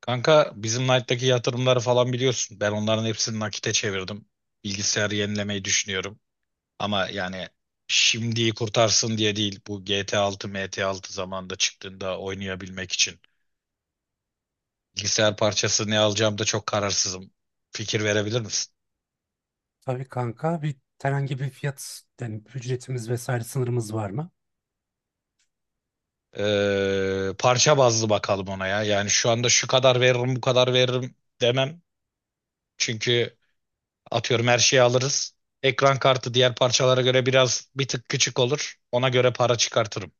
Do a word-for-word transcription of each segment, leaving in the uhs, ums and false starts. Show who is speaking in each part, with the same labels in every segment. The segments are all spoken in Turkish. Speaker 1: Kanka bizim Knight'taki yatırımları falan biliyorsun. Ben onların hepsini nakite çevirdim. Bilgisayarı yenilemeyi düşünüyorum. Ama yani şimdiyi kurtarsın diye değil. Bu G T altı, M T altı zamanında çıktığında oynayabilmek için. Bilgisayar parçası ne alacağım da çok kararsızım. Fikir verebilir misin?
Speaker 2: Tabii kanka bir herhangi bir fiyat yani ücretimiz vesaire sınırımız var mı?
Speaker 1: Ee, parça bazlı bakalım ona ya. Yani şu anda şu kadar veririm, bu kadar veririm demem. Çünkü atıyorum her şeyi alırız. Ekran kartı diğer parçalara göre biraz bir tık küçük olur. Ona göre para çıkartırım.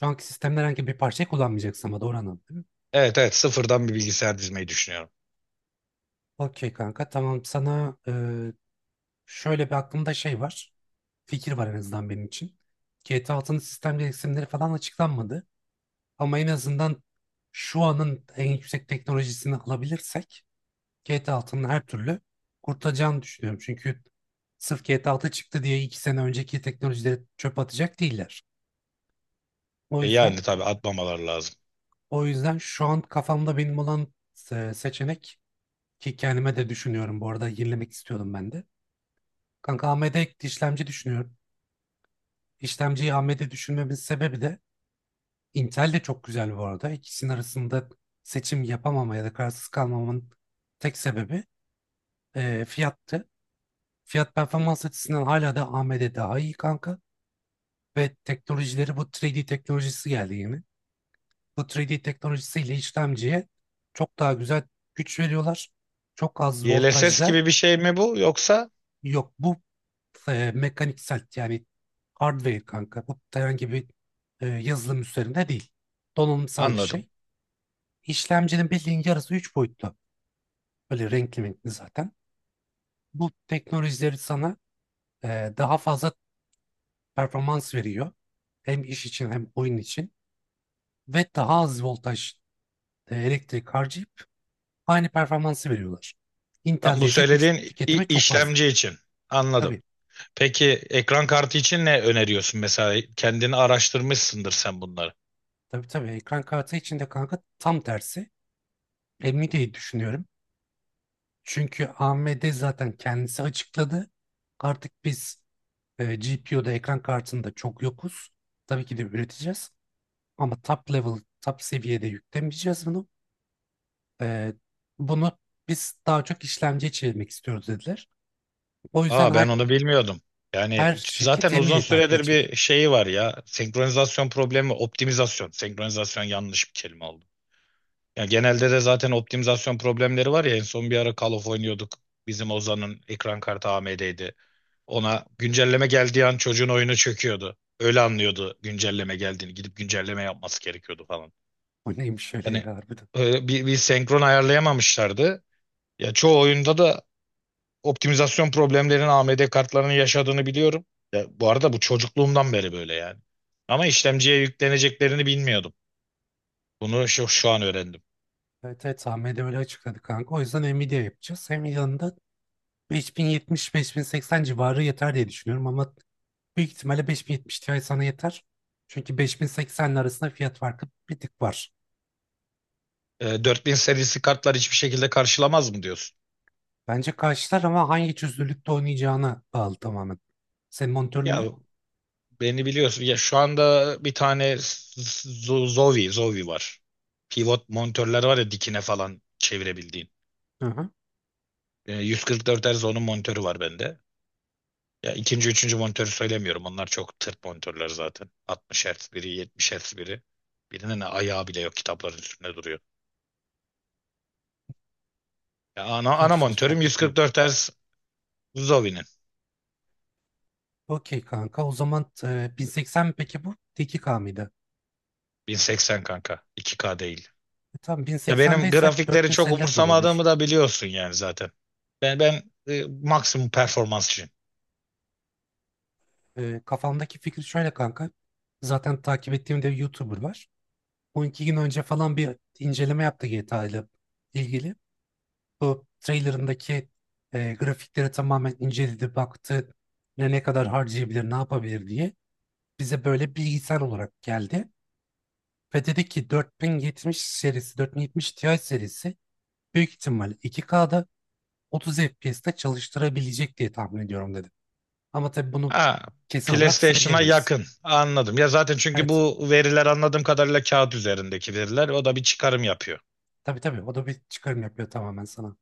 Speaker 2: Şu anki sistemde herhangi bir parçayı kullanmayacaksın ama doğru anladım değil mi?
Speaker 1: Evet, evet, sıfırdan bir bilgisayar dizmeyi düşünüyorum.
Speaker 2: Okey kanka tamam sana e, şöyle bir aklımda şey var. Fikir var en azından benim için. G T A altının sistem gereksinimleri falan açıklanmadı. Ama en azından şu anın en yüksek teknolojisini alabilirsek G T A altının her türlü kurtulacağını düşünüyorum. Çünkü sırf G T A altı çıktı diye iki sene önceki teknolojileri çöp atacak değiller. O
Speaker 1: E,
Speaker 2: yüzden
Speaker 1: yani tabii atmamaları lazım.
Speaker 2: O yüzden şu an kafamda benim olan se- seçenek ki kendime de düşünüyorum bu arada yenilemek istiyordum ben de. Kanka A M D işlemci düşünüyorum. İşlemciyi A M D düşünmemin sebebi de Intel de çok güzel bu arada. İkisinin arasında seçim yapamama ya da kararsız kalmamın tek sebebi e, fiyattı. Fiyat performans açısından hala da A M D daha iyi kanka. Ve teknolojileri bu üç D teknolojisi geldi yeni. bu üç D teknolojisiyle işlemciye çok daha güzel güç veriyorlar. Çok az
Speaker 1: D L S S
Speaker 2: voltajda.
Speaker 1: gibi bir şey mi bu yoksa?
Speaker 2: Yok, bu e, mekaniksel yani hardware kanka. Bu herhangi bir e, yazılım üzerinde değil. Donanımsal bir
Speaker 1: Anladım.
Speaker 2: şey. İşlemcinin bildiğin yarısı üç boyutlu. Böyle renkli renkli zaten. Bu teknolojileri sana e, daha fazla performans veriyor. Hem iş için hem oyun için. Ve daha az voltaj e, elektrik harcayıp aynı performansı veriyorlar.
Speaker 1: Lan
Speaker 2: Intel'de
Speaker 1: bu
Speaker 2: ise güç
Speaker 1: söylediğin i-
Speaker 2: tüketimi çok fazla.
Speaker 1: işlemci için. Anladım.
Speaker 2: Tabii
Speaker 1: Peki ekran kartı için ne öneriyorsun mesela? Kendini araştırmışsındır sen bunları.
Speaker 2: tabii tabii ekran kartı içinde kanka tam tersi. Nvidia'yı düşünüyorum. Çünkü A M D zaten kendisi açıkladı. Artık biz e, G P U'da ekran kartında çok yokuz. Tabii ki de üreteceğiz. Ama top level, top seviyede yüklemeyeceğiz bunu. E, bunu biz daha çok işlemciye çevirmek istiyoruz dediler. O yüzden
Speaker 1: Aa,
Speaker 2: her,
Speaker 1: ben onu bilmiyordum. Yani
Speaker 2: her şirket
Speaker 1: zaten uzun
Speaker 2: Nvidia'yı takip
Speaker 1: süredir
Speaker 2: edecek.
Speaker 1: bir şeyi var ya. Senkronizasyon problemi, optimizasyon. Senkronizasyon yanlış bir kelime oldu. Ya genelde de zaten optimizasyon problemleri var ya, en son bir ara Call of oynuyorduk. Bizim Ozan'ın ekran kartı A M D'ydi. Ona güncelleme geldiği an çocuğun oyunu çöküyordu. Öyle anlıyordu güncelleme geldiğini. Gidip güncelleme yapması gerekiyordu falan.
Speaker 2: O neymiş şöyle
Speaker 1: Yani
Speaker 2: ya harbiden.
Speaker 1: e, bir, bir senkron ayarlayamamışlardı. Ya çoğu oyunda da optimizasyon problemlerinin A M D kartlarının yaşadığını biliyorum. Ya bu arada bu çocukluğumdan beri böyle yani. Ama işlemciye yükleneceklerini bilmiyordum. Bunu şu, şu an öğrendim.
Speaker 2: Evet, evet, Ahmet'e öyle açıkladı kanka. O yüzden Nvidia yapacağız. Nvidia'nın da beş bin yetmiş beş bin seksen civarı yeter diye düşünüyorum ama büyük ihtimalle beş bin yetmiş Ti sana yeter. Çünkü beş bin sekseninin arasında fiyat farkı bir tık var.
Speaker 1: E, dört bin serisi kartlar hiçbir şekilde karşılamaz mı diyorsun?
Speaker 2: Bence karşılar ama hangi çözünürlükte oynayacağına bağlı tamamen. Senin monitörün
Speaker 1: Ya
Speaker 2: ne?
Speaker 1: beni biliyorsun. Ya şu anda bir tane Z- Zowie, Zowie var. Pivot monitörler var ya, dikine falan çevirebildiğin.
Speaker 2: Hı hı.
Speaker 1: E, yüz kırk dört Hz onun monitörü var bende. Ya ikinci, üçüncü monitörü söylemiyorum. Onlar çok tırt monitörler zaten. altmış Hz biri, yetmiş Hz biri. Birinin ayağı bile yok, kitapların üstünde duruyor. Ya ana,
Speaker 2: İkinci,
Speaker 1: ana
Speaker 2: üçüncü
Speaker 1: monitörüm
Speaker 2: fark etmiyor.
Speaker 1: yüz kırk dört Hz Zowie'nin.
Speaker 2: Okey kanka o zaman e, bin seksen mi peki bu? iki K mıydı?
Speaker 1: bin seksen kanka. iki K değil.
Speaker 2: E, tamam
Speaker 1: Ya
Speaker 2: bin seksende
Speaker 1: benim
Speaker 2: ise
Speaker 1: grafikleri çok
Speaker 2: dört bin elliler de olabilir.
Speaker 1: umursamadığımı da biliyorsun yani zaten. Ben ben e, maksimum performansçıyım.
Speaker 2: Ee, kafamdaki fikir şöyle kanka. Zaten takip ettiğim de bir YouTuber var. on iki gün önce falan bir inceleme yaptı G T A ile ilgili. Bu trailerındaki e, grafikleri tamamen inceledi, baktı. Ne ne kadar harcayabilir, ne yapabilir diye. Bize böyle bilgisayar olarak geldi. Ve dedi ki dört bin yetmiş serisi, dört bin yetmiş Ti serisi büyük ihtimalle iki K'da otuz F P S'te çalıştırabilecek diye tahmin ediyorum dedi. Ama tabii bunu
Speaker 1: Ha,
Speaker 2: kesin olarak
Speaker 1: PlayStation'a
Speaker 2: söyleyemeyiz.
Speaker 1: yakın. Anladım. Ya zaten, çünkü
Speaker 2: Evet.
Speaker 1: bu veriler anladığım kadarıyla kağıt üzerindeki veriler. O da bir çıkarım yapıyor.
Speaker 2: Tabii tabii o da bir çıkarım yapıyor tamamen sana.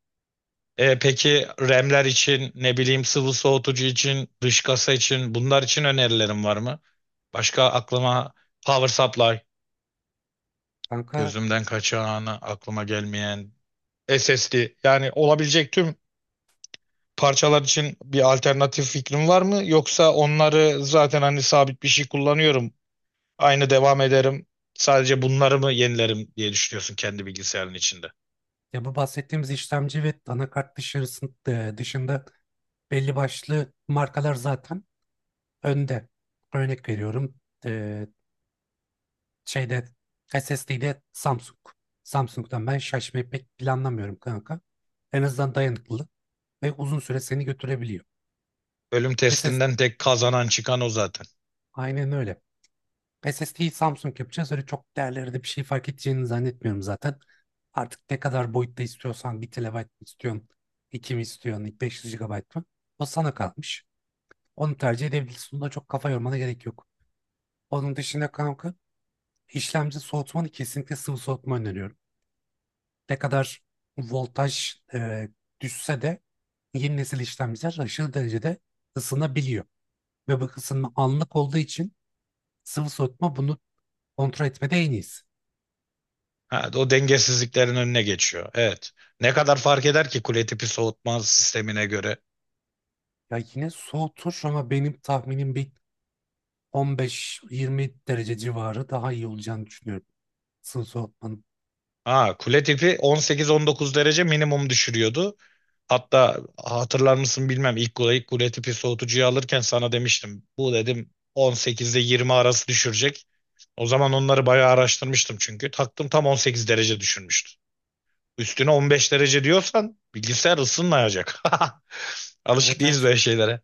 Speaker 1: E, peki R A M'ler için, ne bileyim sıvı soğutucu için, dış kasa için, bunlar için önerilerim var mı? Başka aklıma power supply,
Speaker 2: Kanka
Speaker 1: gözümden kaçanı, aklıma gelmeyen S S D, yani olabilecek tüm parçalar için bir alternatif fikrim var mı? Yoksa onları zaten hani sabit bir şey kullanıyorum. Aynı devam ederim. Sadece bunları mı yenilerim diye düşünüyorsun kendi bilgisayarın içinde.
Speaker 2: ya bu bahsettiğimiz işlemci ve anakart dışarısın, e, dışında belli başlı markalar zaten önde. Örnek veriyorum e, şeyde S S D'de Samsung. Samsung'dan ben şaşmayı pek planlamıyorum kanka. En azından dayanıklı ve uzun süre seni götürebiliyor.
Speaker 1: Bölüm
Speaker 2: SS
Speaker 1: testinden tek kazanan çıkan o zaten.
Speaker 2: aynen öyle. S S D'yi Samsung yapacağız. Öyle çok değerlerde bir şey fark edeceğini zannetmiyorum zaten. Artık ne kadar boyutta istiyorsan bir T B mi istiyorsun, iki mi istiyorsun, beş yüz G B mı? O sana kalmış. Onu tercih edebilirsin. Buna çok kafa yormana gerek yok. Onun dışında kanka işlemci soğutmanı kesinlikle sıvı soğutma öneriyorum. Ne kadar voltaj e, düşse de yeni nesil işlemciler aşırı derecede ısınabiliyor. Ve bu ısınma anlık olduğu için sıvı soğutma bunu kontrol etmede en iyisi.
Speaker 1: Ha, o dengesizliklerin önüne geçiyor. Evet. Ne kadar fark eder ki kule tipi soğutma sistemine göre?
Speaker 2: Ya yine soğutur ama benim tahminim bir on beş yirmi derece civarı daha iyi olacağını düşünüyorum. sıvı soğutmanın.
Speaker 1: Ha, kule tipi on sekiz on dokuz derece minimum düşürüyordu. Hatta hatırlar mısın bilmem, ilk kule, ilk kule tipi soğutucuyu alırken sana demiştim. Bu dedim on sekiz ile yirmi arası düşürecek. O zaman onları bayağı araştırmıştım çünkü. Taktım, tam on sekiz derece düşürmüştü. Üstüne on beş derece diyorsan bilgisayar ısınmayacak. Alışık
Speaker 2: Evet,
Speaker 1: değiliz
Speaker 2: evet.
Speaker 1: böyle şeylere.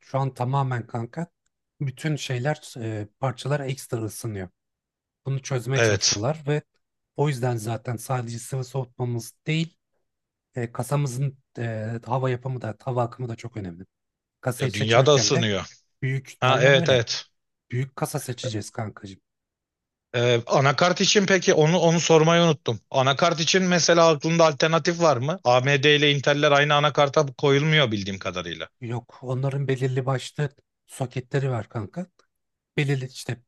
Speaker 2: Şu an tamamen kanka bütün şeyler e, parçalar ekstra ısınıyor. Bunu çözmeye
Speaker 1: Evet.
Speaker 2: çalışıyorlar ve o yüzden zaten sadece sıvı soğutmamız değil e, kasamızın e, hava yapımı da hava akımı da çok önemli. Kasayı
Speaker 1: Ya dünya da
Speaker 2: seçerken de
Speaker 1: ısınıyor.
Speaker 2: büyük,
Speaker 1: Ha,
Speaker 2: aynen
Speaker 1: evet,
Speaker 2: öyle.
Speaker 1: evet.
Speaker 2: Büyük kasa seçeceğiz kankacığım.
Speaker 1: Ee, anakart için peki, onu onu sormayı unuttum. Anakart için mesela aklında alternatif var mı? A M D ile Intel'ler aynı anakarta koyulmuyor bildiğim kadarıyla.
Speaker 2: Yok onların belirli başlı soketleri var kanka. Belirli işte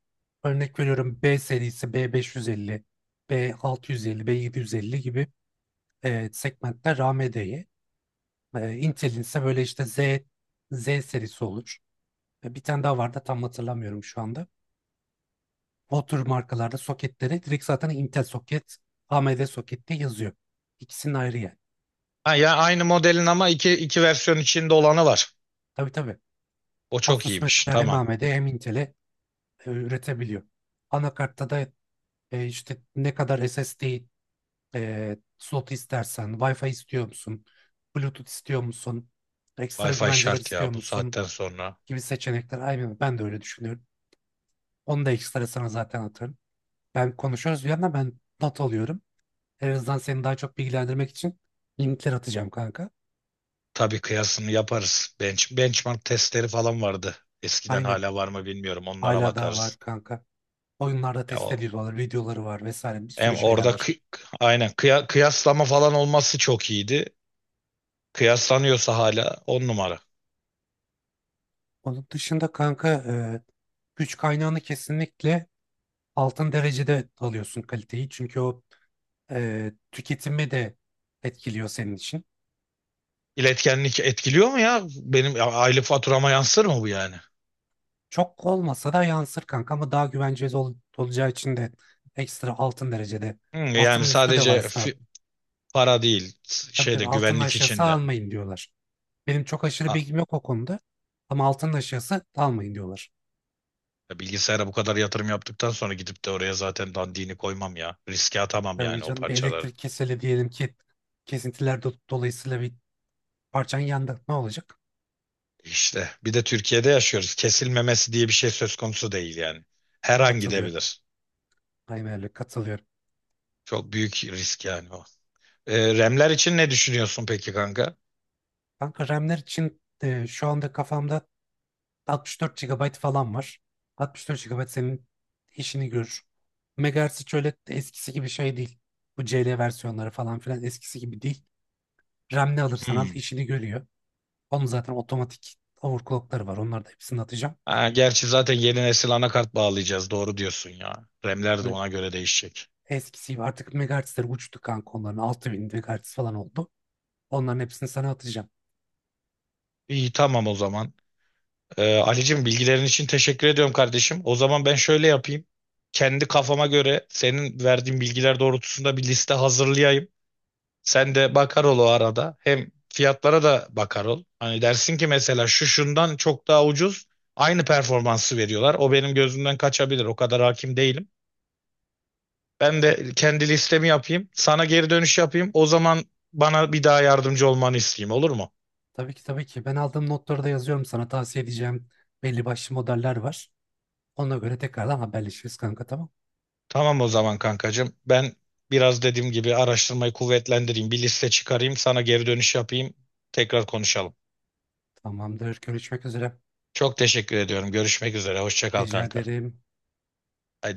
Speaker 2: örnek veriyorum B serisi B beş yüz elli, B altı yüz elli, B yedi yüz elli gibi e, segmentler A M D'ye. E, Intel'in ise böyle işte Z Z serisi olur. E, bir tane daha vardı tam hatırlamıyorum şu anda. O tür markalarda soketleri, direkt zaten Intel soket, A M D soket diye yazıyor. İkisinin ayrı yani.
Speaker 1: Ha ya, aynı modelin ama iki iki versiyon içinde olanı var.
Speaker 2: Tabii tabii.
Speaker 1: O çok
Speaker 2: Asus
Speaker 1: iyiymiş.
Speaker 2: mesela hem
Speaker 1: Tamam.
Speaker 2: A M D hem Intel'e e, üretebiliyor. Anakartta da e, işte ne kadar S S D E, slot istersen, Wi-Fi istiyor musun? Bluetooth istiyor musun? Ekstra
Speaker 1: Wi-Fi
Speaker 2: güvenceler
Speaker 1: şart
Speaker 2: istiyor
Speaker 1: ya bu
Speaker 2: musun?
Speaker 1: saatten sonra.
Speaker 2: Gibi seçenekler. Aynen ben de öyle düşünüyorum. Onu da ekstra sana zaten atarım. Ben konuşuyoruz bir yandan ben not alıyorum. En azından seni daha çok bilgilendirmek için linkler atacağım kanka.
Speaker 1: Tabii, kıyasını yaparız. Bench, benchmark testleri falan vardı. Eskiden,
Speaker 2: Aynen.
Speaker 1: hala var mı bilmiyorum. Onlara
Speaker 2: Hala daha var
Speaker 1: bakarız.
Speaker 2: kanka. Oyunlarda
Speaker 1: Ya
Speaker 2: test
Speaker 1: o,
Speaker 2: ediyorlar, videoları var vesaire bir sürü
Speaker 1: hem
Speaker 2: şeyler
Speaker 1: orada
Speaker 2: var.
Speaker 1: kı- Aynen kıya- kıyaslama falan olması çok iyiydi. Kıyaslanıyorsa hala on numara.
Speaker 2: Onun dışında kanka e, güç kaynağını kesinlikle altın derecede alıyorsun kaliteyi. Çünkü o e, tüketimi de etkiliyor senin için.
Speaker 1: İletkenlik etkiliyor mu ya? Benim aylık faturama yansır mı bu yani?
Speaker 2: Çok olmasa da yansır kanka ama daha güvenceli ol- olacağı için de ekstra altın derecede.
Speaker 1: Hı, yani
Speaker 2: Altının üstü de var
Speaker 1: sadece
Speaker 2: aslında.
Speaker 1: fi- para değil, s-
Speaker 2: Tabii
Speaker 1: şeyde,
Speaker 2: tabii altının
Speaker 1: güvenlik
Speaker 2: aşağısı
Speaker 1: içinde.
Speaker 2: almayın diyorlar. Benim çok aşırı
Speaker 1: Ha,
Speaker 2: bilgim yok o konuda ama altının aşağısı almayın diyorlar.
Speaker 1: bilgisayara bu kadar yatırım yaptıktan sonra gidip de oraya zaten dandini koymam ya. Riske atamam
Speaker 2: Tabii
Speaker 1: yani o
Speaker 2: canım bir
Speaker 1: parçaları.
Speaker 2: elektrik keseli diyelim ki kesintiler do- dolayısıyla bir parçan yandı. Ne olacak?
Speaker 1: İşte bir de Türkiye'de yaşıyoruz. Kesilmemesi diye bir şey söz konusu değil yani. Her an
Speaker 2: Katılıyorum.
Speaker 1: gidebilir.
Speaker 2: Aynen öyle katılıyorum.
Speaker 1: Çok büyük risk yani o. Ee, remler için ne düşünüyorsun peki kanka?
Speaker 2: Kanka RAM'ler için e, şu anda kafamda altmış dört G B falan var. altmış dört G B senin işini görür. Megahertz şöyle eskisi gibi şey değil. Bu C L versiyonları falan filan eskisi gibi değil. RAM ne alırsan al
Speaker 1: Hmm.
Speaker 2: işini görüyor. Onun zaten otomatik overclockları var. Onları da hepsini atacağım.
Speaker 1: Ha, gerçi zaten yeni nesil anakart bağlayacağız. Doğru diyorsun ya. R A M'ler de
Speaker 2: Evet,
Speaker 1: ona göre değişecek.
Speaker 2: eskisi gibi artık megahertzler uçtu kanka onların. altı bin megahertz falan oldu. Onların hepsini sana atacağım.
Speaker 1: İyi, tamam o zaman. Ee, Ali'cim bilgilerin için teşekkür ediyorum kardeşim. O zaman ben şöyle yapayım. Kendi kafama göre senin verdiğin bilgiler doğrultusunda bir liste hazırlayayım. Sen de bakar ol o arada. Hem fiyatlara da bakar ol. Hani dersin ki mesela şu şundan çok daha ucuz. Aynı performansı veriyorlar. O benim gözümden kaçabilir. O kadar hakim değilim. Ben de kendi listemi yapayım. Sana geri dönüş yapayım. O zaman bana bir daha yardımcı olmanı isteyeyim, olur mu?
Speaker 2: Tabii ki tabii ki. Ben aldığım notları da yazıyorum sana. Tavsiye edeceğim belli başlı modeller var. Ona göre tekrardan haberleşiriz kanka tamam.
Speaker 1: Tamam o zaman kankacığım. Ben biraz dediğim gibi araştırmayı kuvvetlendireyim. Bir liste çıkarayım. Sana geri dönüş yapayım. Tekrar konuşalım.
Speaker 2: Tamamdır. Görüşmek üzere.
Speaker 1: Çok teşekkür ediyorum. Görüşmek üzere. Hoşça kal
Speaker 2: Rica
Speaker 1: kanka.
Speaker 2: ederim.
Speaker 1: Haydi